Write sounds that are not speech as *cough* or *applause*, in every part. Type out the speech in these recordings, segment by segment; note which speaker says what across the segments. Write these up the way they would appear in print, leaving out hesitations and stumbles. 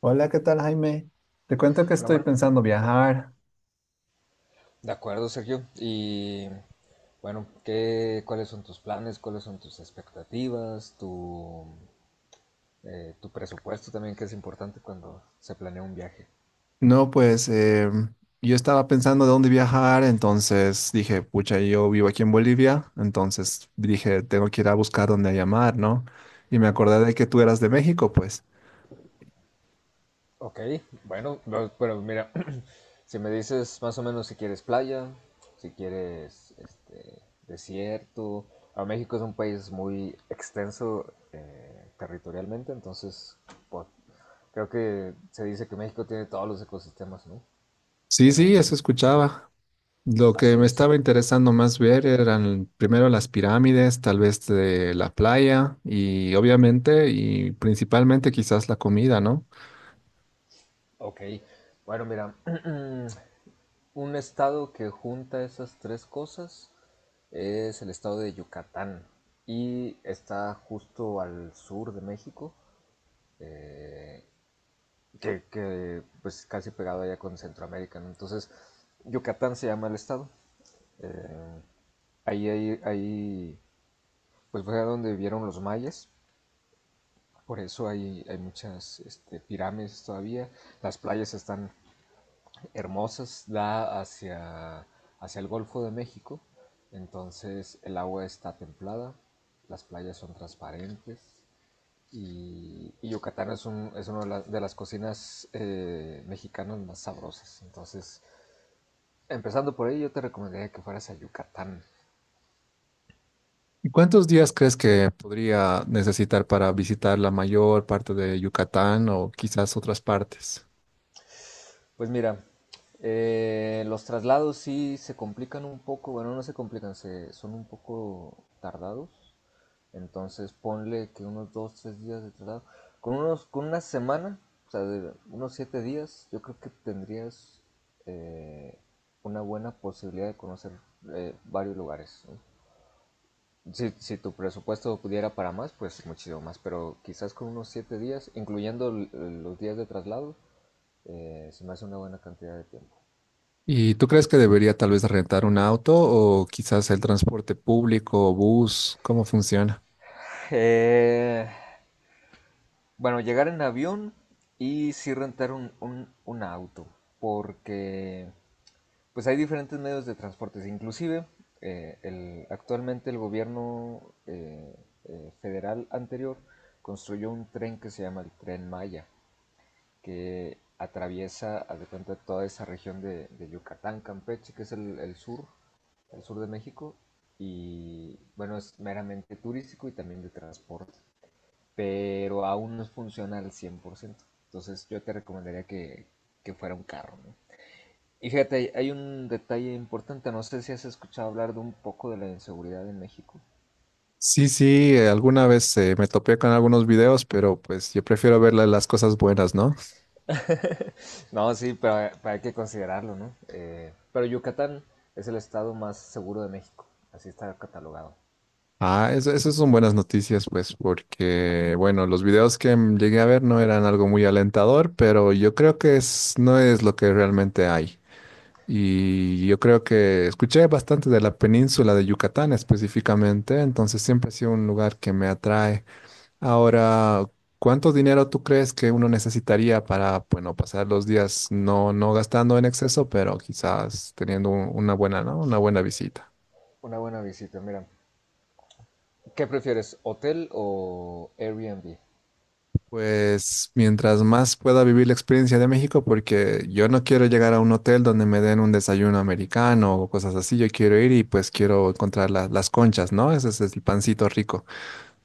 Speaker 1: Hola, ¿qué tal, Jaime? Te cuento que
Speaker 2: Hola,
Speaker 1: estoy
Speaker 2: bueno,
Speaker 1: pensando viajar.
Speaker 2: de acuerdo, Sergio. Y bueno, ¿Cuáles son tus planes? ¿Cuáles son tus expectativas? Tu presupuesto también, que es importante cuando se planea un viaje.
Speaker 1: No, pues yo estaba pensando de dónde viajar, entonces dije, pucha, yo vivo aquí en Bolivia, entonces dije, tengo que ir a buscar dónde llamar, ¿no? Y me acordé de que tú eras de México, pues.
Speaker 2: Ok, bueno, no, pero mira, *clears throat* si me dices más o menos si quieres playa, si quieres desierto. A México es un país muy extenso territorialmente, entonces po- creo que se dice que México tiene todos los ecosistemas, ¿no?
Speaker 1: Sí,
Speaker 2: En
Speaker 1: sí,
Speaker 2: un
Speaker 1: eso
Speaker 2: solo.
Speaker 1: escuchaba. Lo que
Speaker 2: Así
Speaker 1: me
Speaker 2: es.
Speaker 1: estaba interesando más ver eran primero las pirámides, tal vez de la playa y obviamente y principalmente quizás la comida, ¿no?
Speaker 2: Ok. Bueno, mira, *clears throat* un estado que junta esas tres cosas es el estado de Yucatán y está justo al sur de México, eh, pues casi pegado allá con Centroamérica, ¿no? Entonces, Yucatán se llama el estado. Eh, ahí, pues fue donde vivieron los mayas, por eso hay muchas pirámides todavía, las playas están hermosas, da hacia el Golfo de México, entonces el agua está templada, las playas son transparentes y Yucatán es, es una de las cocinas mexicanas más sabrosas. Entonces, empezando por ahí, yo te recomendaría que fueras a Yucatán.
Speaker 1: ¿Y cuántos días crees que podría necesitar para visitar la mayor parte de Yucatán o quizás otras partes?
Speaker 2: Pues mira, los traslados sí se complican un poco, bueno, no se complican, son un poco tardados. Entonces ponle que unos dos, tres días de traslado. Con una semana, o sea, de unos 7 días, yo creo que tendrías eh, una buena posibilidad de conocer varios lugares, ¿no? Si tu presupuesto pudiera para más, pues muchísimo más, pero quizás con unos 7 días, incluyendo los días de traslado, se me hace una buena cantidad de tiempo.
Speaker 1: ¿Y tú crees que debería tal vez rentar un auto o quizás el transporte público o bus? ¿Cómo funciona?
Speaker 2: Eh, bueno, llegar en avión y sí rentar un auto, porque pues hay diferentes medios de transportes, inclusive actualmente el gobierno federal anterior construyó un tren que se llama el tren Maya, que atraviesa, haz de cuenta, toda esa región de Yucatán, Campeche, que es el sur de México, y bueno, es meramente turístico y también de transporte, pero aún no es funcional al 100%. Entonces yo te recomendaría que fuera un carro, ¿no? Y fíjate, hay un detalle importante, no sé si has escuchado hablar de un poco de la inseguridad en México.
Speaker 1: Sí, sí, alguna vez me topé con algunos videos, pero pues yo prefiero ver las cosas buenas, ¿no?
Speaker 2: *laughs* No, sí, pero hay que considerarlo, ¿no? Pero Yucatán es el estado más seguro de México, así está catalogado.
Speaker 1: Ah, eso son buenas noticias, pues, porque, bueno, los videos que llegué a ver no eran algo muy alentador, pero yo creo que es, no es lo que realmente hay. Y yo creo que escuché bastante de la península de Yucatán específicamente, entonces siempre ha sido un lugar que me atrae. Ahora, ¿cuánto dinero tú crees que uno necesitaría para, bueno, pasar los días no, no gastando en exceso, pero quizás teniendo una buena, ¿no? Una buena visita?
Speaker 2: Una buena visita, mira. ¿Qué prefieres, hotel o Airbnb?
Speaker 1: Pues mientras más pueda vivir la experiencia de México, porque yo no quiero llegar a un hotel donde me den un desayuno americano o cosas así, yo quiero ir y pues quiero encontrar las conchas, ¿no? Ese es el pancito rico.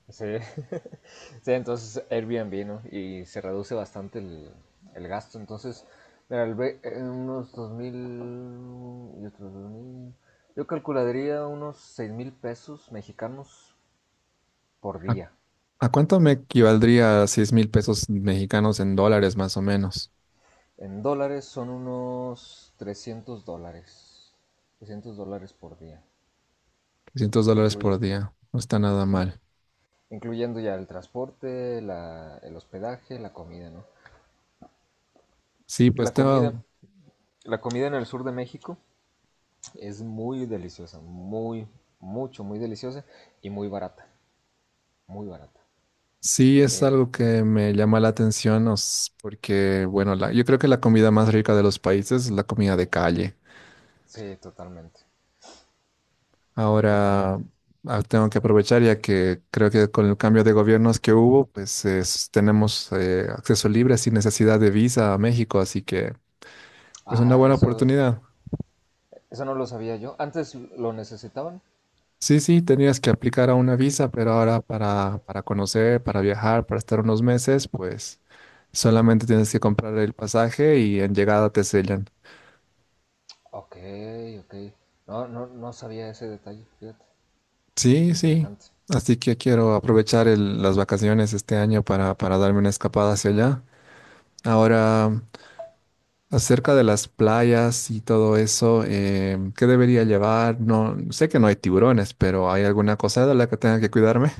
Speaker 2: Sí. *laughs* Sí, entonces Airbnb, ¿no? Y se reduce bastante el gasto. Entonces, mira, unos 2.000 y otros dos mil. Yo calcularía unos 6.000 pesos mexicanos por día.
Speaker 1: ¿A cuánto me equivaldría a 6 mil pesos mexicanos en dólares más o menos?
Speaker 2: En dólares son unos 300 dólares. 300 dólares por día.
Speaker 1: $300
Speaker 2: Incluye,
Speaker 1: por día. No está nada
Speaker 2: in-
Speaker 1: mal.
Speaker 2: incluyendo ya el transporte, el hospedaje, la comida, ¿no?
Speaker 1: Sí,
Speaker 2: La comida, la comida en el sur de México es muy deliciosa, muy deliciosa y muy barata, muy barata.
Speaker 1: sí es
Speaker 2: Eh,
Speaker 1: algo que me llama la atención porque, bueno, yo creo que la comida más rica de los países es la comida de calle.
Speaker 2: sí, totalmente,
Speaker 1: Ahora,
Speaker 2: totalmente.
Speaker 1: ah, tengo que aprovechar ya que creo que con el cambio de gobiernos que hubo, pues tenemos acceso libre sin necesidad de visa a México, así que es una
Speaker 2: Ah,
Speaker 1: buena
Speaker 2: eso,
Speaker 1: oportunidad.
Speaker 2: eso no lo sabía yo. Antes lo necesitaban.
Speaker 1: Sí, sí, tenías que aplicar a una visa, pero ahora para conocer, para viajar, para estar unos meses, pues solamente tienes que comprar el pasaje y en llegada te sellan.
Speaker 2: Ok, ok. No, no, no sabía ese detalle, fíjate.
Speaker 1: Sí, sí.
Speaker 2: Interesante.
Speaker 1: Así que quiero aprovechar las vacaciones este año para darme una escapada hacia allá. Ahora, acerca de las playas y todo eso, ¿qué debería llevar? No, sé que no hay tiburones, pero ¿hay alguna cosa de la que tenga que cuidarme?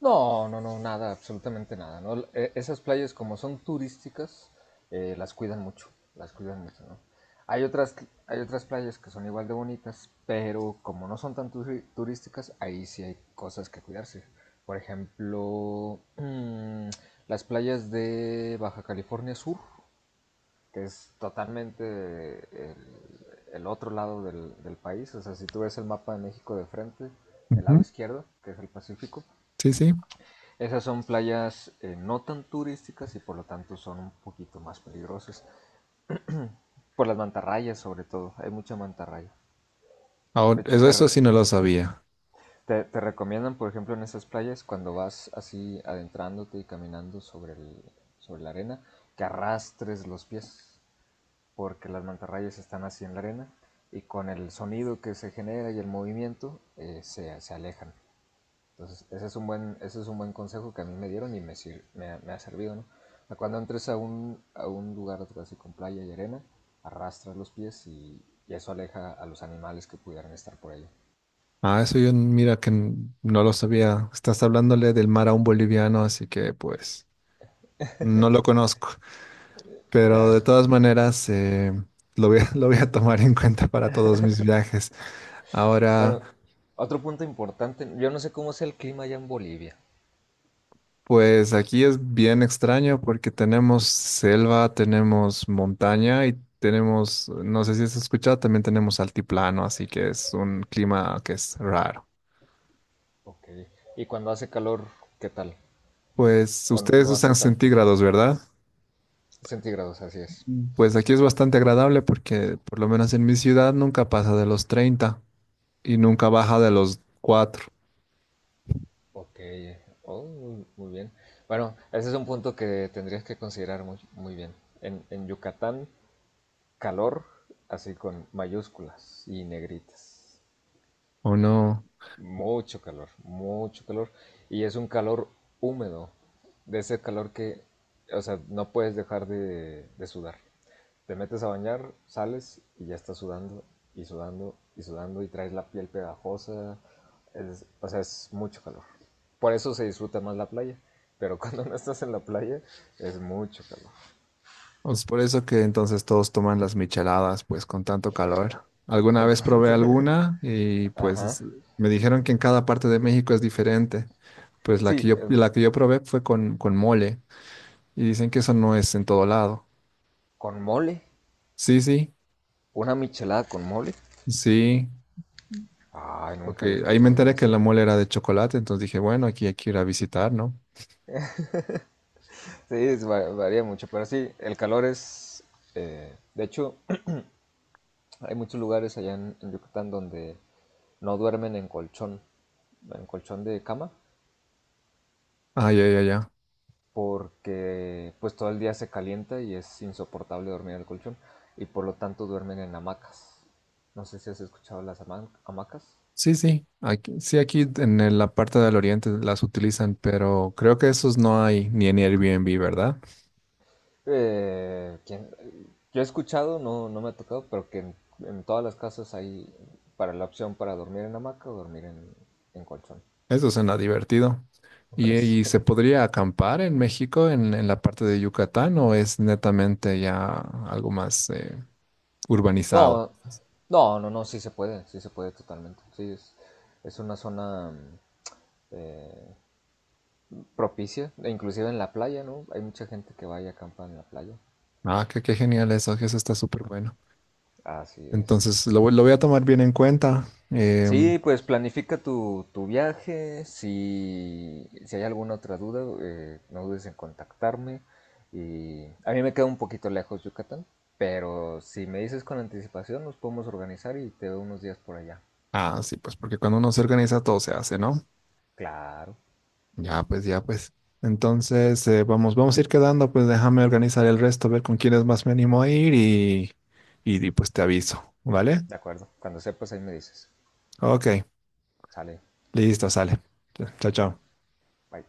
Speaker 2: No, no, no, nada, absolutamente nada, ¿no? Esas playas como son turísticas, eh, las cuidan mucho, las cuidan mucho, ¿no? Hay otras, hay otras playas que son igual de bonitas, pero como no son tan turísticas, ahí sí hay cosas que cuidarse. Por ejemplo, *clears throat* las playas de Baja California Sur, que es totalmente el, el otro lado del país. O sea, si tú ves el mapa de México de frente, el
Speaker 1: Ujú.
Speaker 2: lado izquierdo, que es el Pacífico,
Speaker 1: Sí, sí.
Speaker 2: esas son playas no tan turísticas y por lo tanto son un poquito más peligrosas. Por las mantarrayas sobre todo, hay mucha mantarraya.
Speaker 1: Ahora,
Speaker 2: De hecho,
Speaker 1: eso,
Speaker 2: te,
Speaker 1: eso sí no lo sabía.
Speaker 2: te- te recomiendan, por ejemplo, en esas playas, cuando vas así adentrándote y caminando sobre la arena, que arrastres los pies, porque las mantarrayas están así en la arena y con el sonido que se genera y el movimiento se alejan. Entonces, ese es un buen consejo que a mí me dieron y me ha servido, ¿no? Cuando entres a un lugar así con playa y arena, arrastra los pies y eso aleja a los animales que pudieran estar por ahí.
Speaker 1: Ah, eso yo, mira que no lo sabía. Estás hablándole del mar a un boliviano, así que pues no lo conozco. Pero
Speaker 2: Ya.
Speaker 1: de todas maneras, lo voy a, *laughs* lo voy a tomar en cuenta para todos mis viajes. Ahora,
Speaker 2: Bueno, otro punto importante, yo no sé cómo sea el clima allá en Bolivia.
Speaker 1: pues aquí es bien extraño porque tenemos selva, tenemos montaña y tenemos, no sé si has escuchado, también tenemos altiplano, así que es un clima que es raro.
Speaker 2: Ok. Y cuando hace calor, ¿qué tal?
Speaker 1: Pues
Speaker 2: O
Speaker 1: ustedes
Speaker 2: no hace
Speaker 1: usan
Speaker 2: tanto.
Speaker 1: centígrados, ¿verdad?
Speaker 2: Centígrados, así es.
Speaker 1: Pues aquí es bastante agradable porque por lo menos en mi ciudad nunca pasa de los 30 y nunca baja de los 4.
Speaker 2: Ok. Oh, muy, muy bien. Bueno, ese es un punto que tendrías que considerar muy, muy bien. En Yucatán calor, así con mayúsculas y negritas.
Speaker 1: ¿O no?
Speaker 2: Mucho calor, mucho calor. Y es un calor húmedo, de ese calor que, o sea, no puedes dejar de sudar. Te metes a bañar, sales y ya estás sudando y sudando y sudando y traes la piel pegajosa. O sea, es mucho calor. Por eso se disfruta más la playa. Pero *laughs* cuando no estás en la playa, es mucho calor.
Speaker 1: Pues por eso que entonces todos toman las micheladas, pues con tanto calor.
Speaker 2: *laughs*
Speaker 1: Alguna
Speaker 2: Con
Speaker 1: vez probé
Speaker 2: tanto...
Speaker 1: alguna y
Speaker 2: Ajá.
Speaker 1: pues me dijeron que en cada parte de México es diferente. Pues
Speaker 2: Sí,
Speaker 1: la que yo probé fue con mole y dicen que eso no es en todo lado.
Speaker 2: con mole.
Speaker 1: Sí, sí,
Speaker 2: ¿Una michelada con mole?
Speaker 1: sí,
Speaker 2: Ay, nunca había
Speaker 1: porque ahí me
Speaker 2: escuchado yo
Speaker 1: enteré que
Speaker 2: eso.
Speaker 1: la mole era de chocolate, entonces dije, bueno, aquí hay que ir a visitar, ¿no?
Speaker 2: Sí, es varía mucho, pero sí, el calor es... de hecho, *clears throat* hay muchos lugares allá en Yucatán donde no duermen en colchón de cama,
Speaker 1: Ah, ya, ya, ya.
Speaker 2: porque pues todo el día se calienta y es insoportable dormir en el colchón, y por lo tanto duermen en hamacas. No sé si has escuchado las hamacas.
Speaker 1: Sí, sí, aquí en el- la parte del oriente las utilizan, pero creo que esos no hay ni en Airbnb, ¿verdad?
Speaker 2: ¿Quién? Yo he escuchado, no, no me ha tocado, pero que en todas las casas hay para la opción para dormir en hamaca o dormir en colchón.
Speaker 1: Eso suena divertido. Y
Speaker 2: *laughs*
Speaker 1: se
Speaker 2: Sí.
Speaker 1: podría acampar en México, en la parte de Yucatán, o es netamente ya algo más urbanizado?
Speaker 2: No, no, no, no, sí se puede totalmente. Sí, es una zona eh, propicia, e inclusive en la playa, ¿no? Hay mucha gente que va y acampa en la playa.
Speaker 1: Ah, qué, qué genial eso, que eso está súper bueno.
Speaker 2: Así es.
Speaker 1: Entonces, lo voy a tomar bien en cuenta. Em,
Speaker 2: Sí, pues planifica tu viaje. Si hay alguna otra duda, no dudes en contactarme. Y a mí me queda un poquito lejos Yucatán, pero si me dices con anticipación, nos podemos organizar y te veo unos días por allá.
Speaker 1: ah, sí, pues porque cuando uno se organiza, todo se hace, ¿no?
Speaker 2: Claro,
Speaker 1: Ya, pues, ya, pues. Entonces, vamos, vamos a ir quedando, pues déjame organizar el resto, ver con quiénes más me animo a ir y pues te aviso, ¿vale?
Speaker 2: de acuerdo. Cuando sepas, ahí me dices.
Speaker 1: Ok,
Speaker 2: Sale,
Speaker 1: listo, sale. Chao, chao.
Speaker 2: bye.